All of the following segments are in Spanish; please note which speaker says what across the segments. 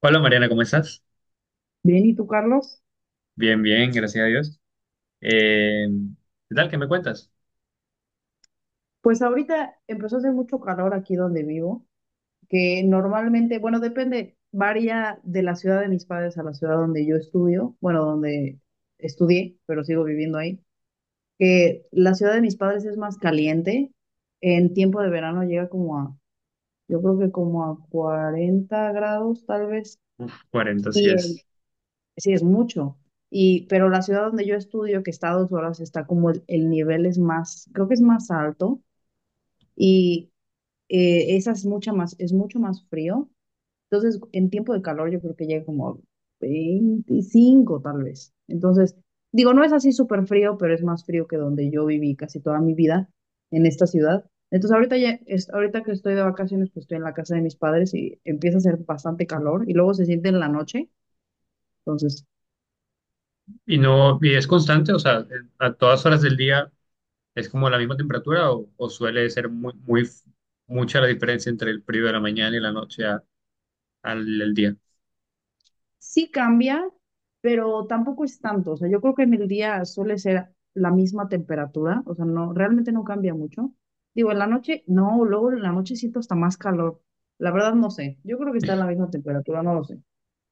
Speaker 1: Hola Mariana, ¿cómo estás?
Speaker 2: Bien, ¿y tú, Carlos?
Speaker 1: Bien, bien, gracias a Dios. Eh, ¿Qué tal? ¿Qué me cuentas?
Speaker 2: Pues ahorita empezó a hacer mucho calor aquí donde vivo, que normalmente, bueno, depende, varía de la ciudad de mis padres a la ciudad donde yo estudio, bueno, donde estudié, pero sigo viviendo ahí, que la ciudad de mis padres es más caliente. En tiempo de verano llega como a, yo creo que como a 40 grados tal vez.
Speaker 1: Uf, 40, sí
Speaker 2: y en-
Speaker 1: es.
Speaker 2: sí es mucho, y, pero la ciudad donde yo estudio, que está a 2 horas, está como el nivel es más, creo que es más alto. Y esa es mucha más, es mucho más frío. Entonces, en tiempo de calor yo creo que llega como a 25 tal vez. Entonces, digo, no es así súper frío, pero es más frío que donde yo viví casi toda mi vida en esta ciudad. Entonces, ahorita ya, ahorita que estoy de vacaciones, pues estoy en la casa de mis padres y empieza a hacer bastante calor y luego se siente en la noche. Entonces,
Speaker 1: ¿Y no, y es constante? O sea, a todas horas del día es como la misma temperatura o suele ser muy, muy, mucha la diferencia entre el periodo de la mañana y la noche al el día.
Speaker 2: sí cambia, pero tampoco es tanto. O sea, yo creo que en el día suele ser la misma temperatura. O sea, no, realmente no cambia mucho. Digo, en la noche, no, luego en la noche siento hasta más calor. La verdad no sé. Yo creo que está en la misma temperatura, no lo sé.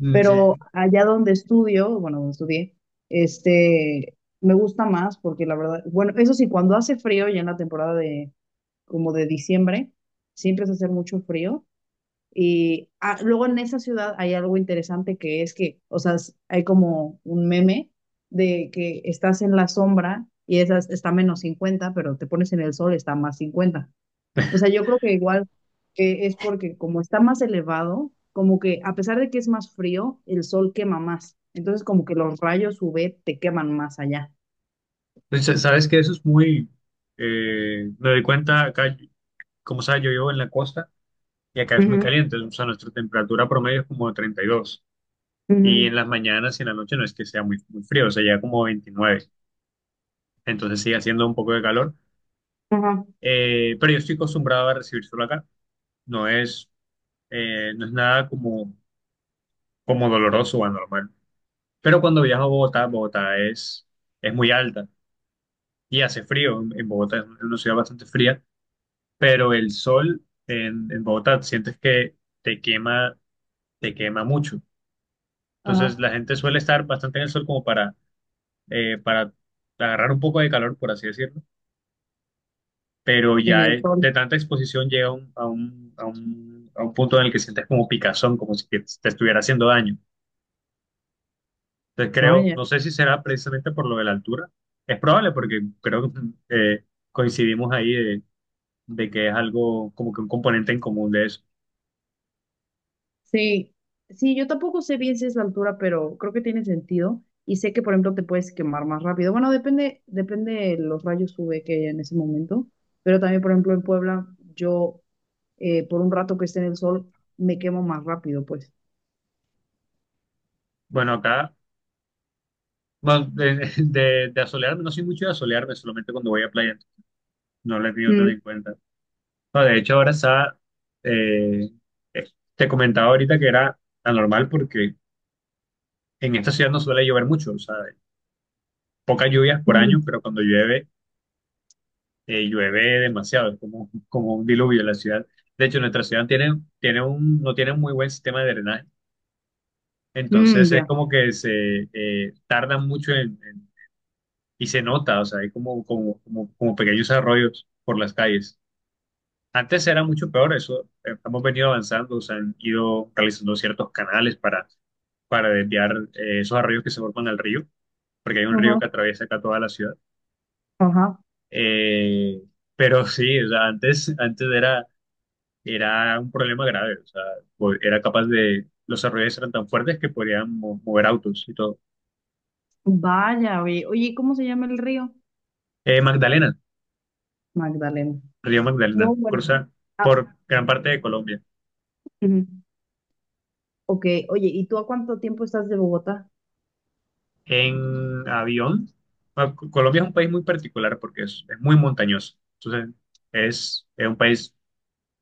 Speaker 1: Mm,
Speaker 2: Pero
Speaker 1: sí.
Speaker 2: allá donde estudio, bueno, donde estudié, este, me gusta más porque la verdad, bueno, eso sí, cuando hace frío, ya en la temporada de, como de diciembre, siempre hace hacer mucho frío y ah, luego en esa ciudad hay algo interesante que es que, o sea, hay como un meme de que estás en la sombra y esas está -50 pero te pones en el sol, está +50. O sea, yo creo que igual que es porque como está más elevado, como que a pesar de que es más frío, el sol quema más. Entonces como que los rayos UV te queman más allá.
Speaker 1: Pues, sabes que eso es muy, me doy cuenta acá, como sabes, yo vivo en la costa y acá es muy
Speaker 2: Ujú,
Speaker 1: caliente, o sea, nuestra temperatura promedio es como 32. Y
Speaker 2: ujú,
Speaker 1: en las mañanas y en la noche no es que sea muy, muy frío, o sea, ya como 29. Entonces sigue haciendo un poco de calor.
Speaker 2: ajá.
Speaker 1: Pero yo estoy acostumbrado a recibir sol acá. No es, no es nada como doloroso o anormal. Pero cuando viajo a Bogotá, Bogotá es muy alta y hace frío. En Bogotá es una ciudad bastante fría, pero el sol en Bogotá sientes que te quema, te quema mucho. Entonces
Speaker 2: Ajá.
Speaker 1: la gente suele estar bastante en el sol como para agarrar un poco de calor, por así decirlo, pero
Speaker 2: En
Speaker 1: ya
Speaker 2: el sol.
Speaker 1: de tanta exposición llega a un punto en el que sientes como picazón, como si que te estuviera haciendo daño. Entonces creo,
Speaker 2: Vaya.
Speaker 1: no sé si será precisamente por lo de la altura, es probable porque creo que eh, coincidimos ahí de que es algo como que un componente en común de eso.
Speaker 2: Sí, sí, yo tampoco sé bien si es la altura, pero creo que tiene sentido. Y sé que, por ejemplo, te puedes quemar más rápido. Bueno, depende, depende de los rayos UV que haya en ese momento. Pero también, por ejemplo, en Puebla, yo por un rato que esté en el sol, me quemo más rápido, pues.
Speaker 1: Bueno, acá, bueno, de, de asolearme, no soy mucho de asolearme, solamente cuando voy a playa, no lo he tenido tan
Speaker 2: Mm,
Speaker 1: en cuenta. No, de hecho, ahora está, eh, eh, te comentaba ahorita que era anormal porque en esta ciudad no suele llover mucho, o sea, pocas lluvias por
Speaker 2: mm,
Speaker 1: año, pero cuando llueve, llueve demasiado, es como un diluvio en la ciudad. De hecho, nuestra ciudad no tiene un muy buen sistema de drenaje, entonces
Speaker 2: mm,
Speaker 1: es
Speaker 2: ya.
Speaker 1: como que se tardan mucho y se nota, o sea, hay como pequeños arroyos por las calles. Antes era mucho peor eso, hemos venido avanzando, o sea, han ido realizando ciertos canales para desviar esos arroyos que se forman al río, porque hay un río
Speaker 2: Ajá,
Speaker 1: que atraviesa acá toda la ciudad.
Speaker 2: ajá.
Speaker 1: Eh, pero sí, o sea, antes era, un problema grave, o sea, era capaz de, los arroyos eran tan fuertes que podían mover autos y todo.
Speaker 2: Vaya, oye. Oye, ¿cómo se llama el río?
Speaker 1: Magdalena,
Speaker 2: Magdalena.
Speaker 1: Río Magdalena,
Speaker 2: No, bueno.
Speaker 1: cruza
Speaker 2: Ah,
Speaker 1: por gran parte de Colombia.
Speaker 2: ujú. Ok, oye, ¿y tú a cuánto tiempo estás de Bogotá?
Speaker 1: En avión, bueno, Colombia es un país muy particular porque es muy montañoso, entonces es un país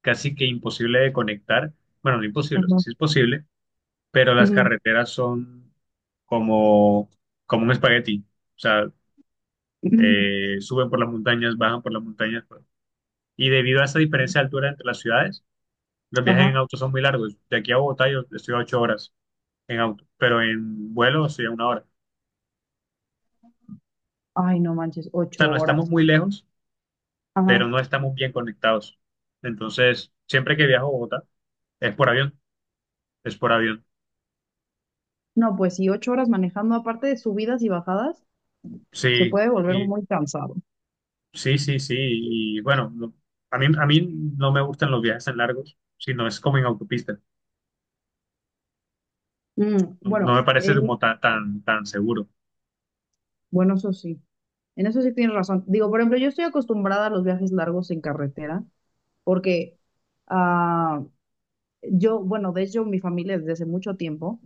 Speaker 1: casi que imposible de conectar, bueno, no imposible, o sea,
Speaker 2: Ajá.
Speaker 1: sí es posible, pero las
Speaker 2: Ujú,
Speaker 1: carreteras son como, como un espagueti. O sea,
Speaker 2: ujú,
Speaker 1: suben por las montañas, bajan por las montañas, pues. Y debido a esa diferencia de altura entre las ciudades, los viajes en
Speaker 2: ajá.
Speaker 1: auto son muy largos. De aquí a Bogotá yo estoy a 8 horas en auto, pero en vuelo estoy a 1 hora. O
Speaker 2: Ay, no manches, ocho
Speaker 1: sea, no estamos
Speaker 2: horas.
Speaker 1: muy lejos, pero
Speaker 2: Ajá.
Speaker 1: no estamos bien conectados. Entonces, siempre que viajo a Bogotá, es por avión, es por avión.
Speaker 2: No, pues sí, 8 horas manejando, aparte de subidas y bajadas, se
Speaker 1: Sí,
Speaker 2: puede volver
Speaker 1: sí.
Speaker 2: muy cansado.
Speaker 1: Sí, sí, sí. Y bueno, a mí no me gustan los viajes tan largos, sino es como en autopista.
Speaker 2: Mm,
Speaker 1: No, no me
Speaker 2: bueno,
Speaker 1: parece
Speaker 2: en,
Speaker 1: como tan seguro.
Speaker 2: bueno, eso sí, en eso sí tienes razón. Digo, por ejemplo, yo estoy acostumbrada a los viajes largos en carretera, porque ah, yo, bueno, de hecho, mi familia desde hace mucho tiempo,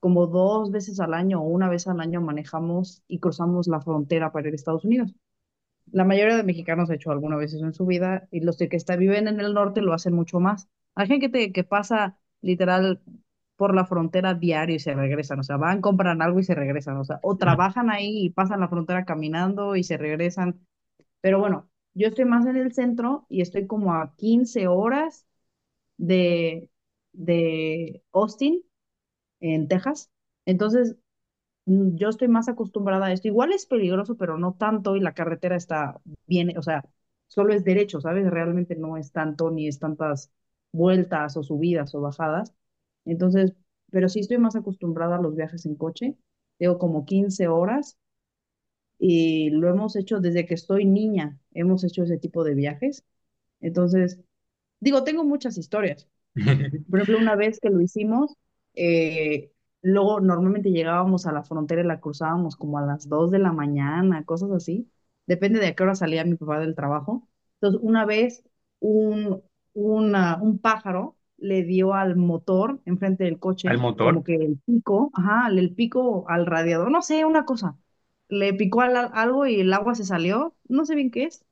Speaker 2: como dos veces al año o una vez al año manejamos y cruzamos la frontera para ir a Estados Unidos. La mayoría de mexicanos ha hecho alguna vez eso en su vida y los que está- viven en el norte lo hacen mucho más. Hay gente que pasa literal por la frontera diario y se regresan, o sea, van, compran algo y se regresan, o sea, o trabajan ahí y pasan la frontera caminando y se regresan. Pero bueno, yo estoy más en el centro y estoy como a 15 horas de, de, Austin, en Texas. Entonces, mm, yo estoy más acostumbrada a esto. Igual es peligroso, pero no tanto y la carretera está bien, o sea, solo es derecho, ¿sabes? Realmente no es tanto ni es tantas vueltas o subidas o bajadas. Entonces, pero sí estoy más acostumbrada a los viajes en coche. Tengo como 15 horas y lo hemos hecho desde que estoy niña, hemos hecho ese tipo de viajes. Entonces, digo, tengo muchas historias. Por ejemplo, una vez que lo hicimos, eh, luego normalmente llegábamos a la frontera y la cruzábamos como a las 2 de la mañana, cosas así. Depende de a qué hora salía mi papá del trabajo. Entonces, una vez un, un pájaro le dio al motor enfrente del
Speaker 1: Al
Speaker 2: coche, como
Speaker 1: motor,
Speaker 2: que el pico, ajá, el pico al radiador, no sé, una cosa. Le picó algo y el agua se salió, no sé bien qué es,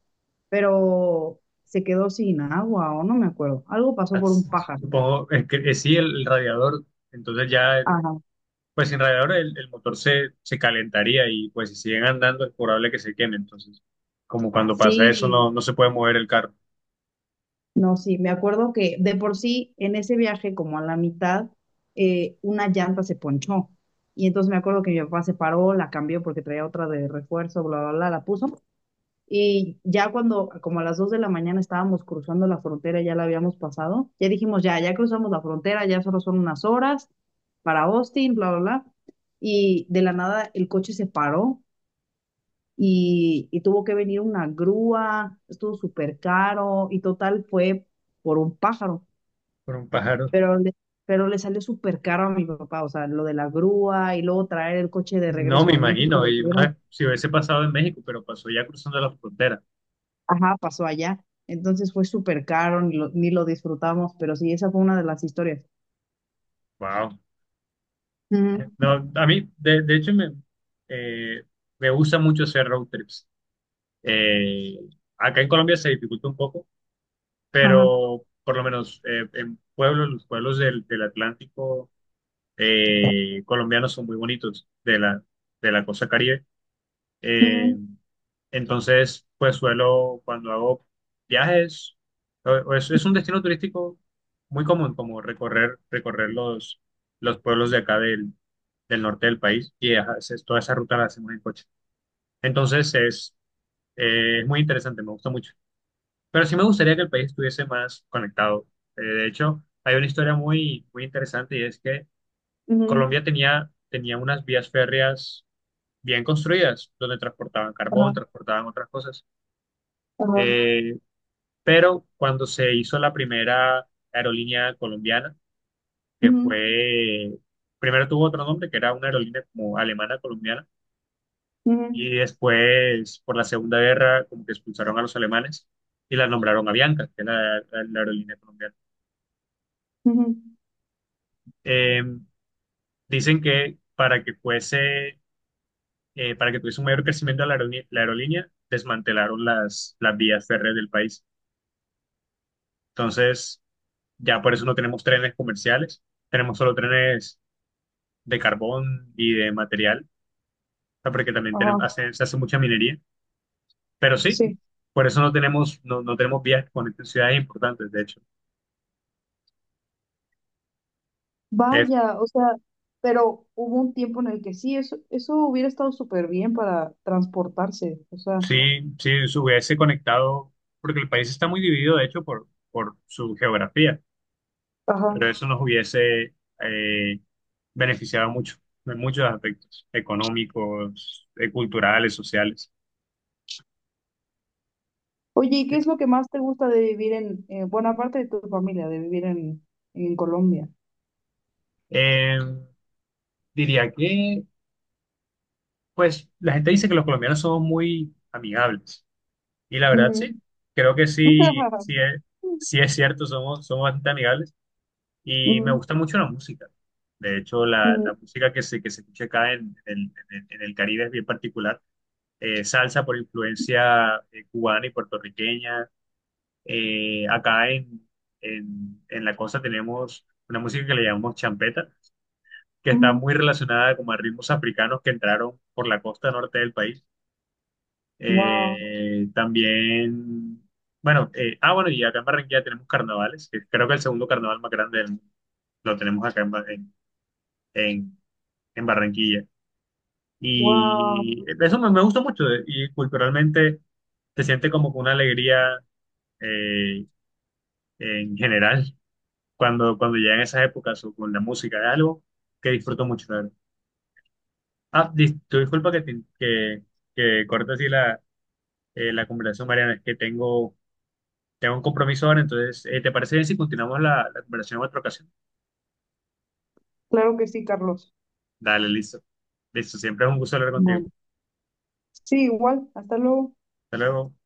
Speaker 2: pero se quedó sin agua o no me acuerdo. Algo pasó
Speaker 1: al-
Speaker 2: por un pájaro.
Speaker 1: supongo, es que sí, el radiador. Entonces ya, pues sin radiador el motor se calentaría y pues si siguen andando es probable que se queme. Entonces, como cuando pasa
Speaker 2: Sí,
Speaker 1: eso, no, no se puede mover el carro
Speaker 2: no, sí, me acuerdo que de por sí en ese viaje, como a la mitad, una llanta se ponchó. Y entonces me acuerdo que mi papá se paró, la cambió porque traía otra de refuerzo, bla, bla, bla, la puso. Y ya cuando, como a las 2 de la mañana estábamos cruzando la frontera, ya la habíamos pasado, ya dijimos, ya, ya cruzamos la frontera, ya solo son unas horas para Austin, bla, bla, bla. Y de la nada el coche se paró y tuvo que venir una grúa, estuvo súper caro y total fue por un pájaro,
Speaker 1: por un pájaro.
Speaker 2: pero le, pero le salió súper caro a mi papá, o sea, lo de la grúa y luego traer el coche de
Speaker 1: No
Speaker 2: regreso
Speaker 1: me
Speaker 2: a México,
Speaker 1: imagino.
Speaker 2: lo
Speaker 1: Y una
Speaker 2: tuvieron,
Speaker 1: vez, si hubiese pasado en México, pero pasó ya cruzando la frontera.
Speaker 2: ajá, pasó allá, entonces fue súper caro, ni lo disfrutamos, pero sí, esa fue una de las historias.
Speaker 1: Wow.
Speaker 2: Ujú,
Speaker 1: No, a mí, de hecho, eh, me gusta mucho hacer road trips. Eh, Acá en Colombia se dificulta un poco,
Speaker 2: ajá.
Speaker 1: pero por lo menos en pueblos, los pueblos del Atlántico colombianos son muy bonitos, de la costa Caribe. Eh,
Speaker 2: Ujú,
Speaker 1: entonces, pues suelo, cuando hago viajes, o es un destino turístico muy común, como recorrer, recorrer los pueblos de acá del norte del país y ajá, toda esa ruta la hacemos en coche. Entonces, es muy interesante, me gusta mucho. Pero sí me gustaría que el país estuviese más conectado. De hecho, hay una historia muy, muy interesante y es que
Speaker 2: ujú,
Speaker 1: Colombia tenía unas vías férreas bien construidas, donde transportaban
Speaker 2: ajá,
Speaker 1: carbón, transportaban otras cosas.
Speaker 2: ajá,
Speaker 1: Eh, pero cuando se hizo la primera aerolínea colombiana, que
Speaker 2: ujú,
Speaker 1: fue, primero tuvo otro nombre, que era una aerolínea como alemana colombiana,
Speaker 2: ujú,
Speaker 1: y después por la Segunda Guerra como que expulsaron a los alemanes y la nombraron Avianca, que era la aerolínea colombiana.
Speaker 2: ujú,
Speaker 1: Eh, Dicen que para que fuese, para que tuviese un mayor crecimiento la aerolínea desmantelaron las vías férreas del país. Entonces, ya por eso no tenemos trenes comerciales, tenemos solo trenes de carbón y de material, o sea, porque también
Speaker 2: ajá,
Speaker 1: tenemos, se hace mucha minería, pero sí,
Speaker 2: sí.
Speaker 1: por eso no tenemos, no, no tenemos vías que conecten ciudades importantes, de hecho. Es,
Speaker 2: Vaya, o sea, pero hubo un tiempo en el que sí, eso hubiera estado súper bien para transportarse, o sea,
Speaker 1: sí, sí, se hubiese conectado, porque el país está muy dividido, de hecho, por su geografía,
Speaker 2: ajá.
Speaker 1: pero eso nos hubiese eh, beneficiado mucho, en muchos aspectos, económicos, culturales, sociales.
Speaker 2: Oye, ¿y qué es lo que más te gusta de vivir en, bueno, aparte de tu familia, de vivir en, Colombia?
Speaker 1: Eh, Diría que, pues, la gente dice que los colombianos somos muy amigables. Y la verdad,
Speaker 2: Ujú.
Speaker 1: sí, creo que sí, sí es cierto, somos, somos bastante amigables y me
Speaker 2: Ujú,
Speaker 1: gusta mucho la música. De hecho, la
Speaker 2: ujú,
Speaker 1: música que se escucha acá en el Caribe es bien particular. Salsa por influencia cubana y puertorriqueña. Acá en la costa tenemos una música que le llamamos champeta, que está
Speaker 2: ujú.
Speaker 1: muy relacionada como a ritmos africanos que entraron por la costa norte del país.
Speaker 2: Wow,
Speaker 1: También, bueno, bueno, y acá en Barranquilla tenemos carnavales, que creo que el segundo carnaval más grande del lo tenemos acá en, Ba- en- en Barranquilla.
Speaker 2: wow.
Speaker 1: Y eso me, gusta mucho, y culturalmente se siente como que una alegría eh, en general cuando llegan esas épocas o con la música, es algo que disfruto mucho. La verdad. Ah, tu disculpa que corte así la conversación, Mariana, es que tengo un compromiso ahora, entonces, ¿te parece bien si continuamos la conversación en otra ocasión?
Speaker 2: Claro que sí, Carlos.
Speaker 1: Dale, listo. Listo, siempre es un gusto hablar contigo.
Speaker 2: Bueno, sí, igual, hasta luego.
Speaker 1: Hasta luego.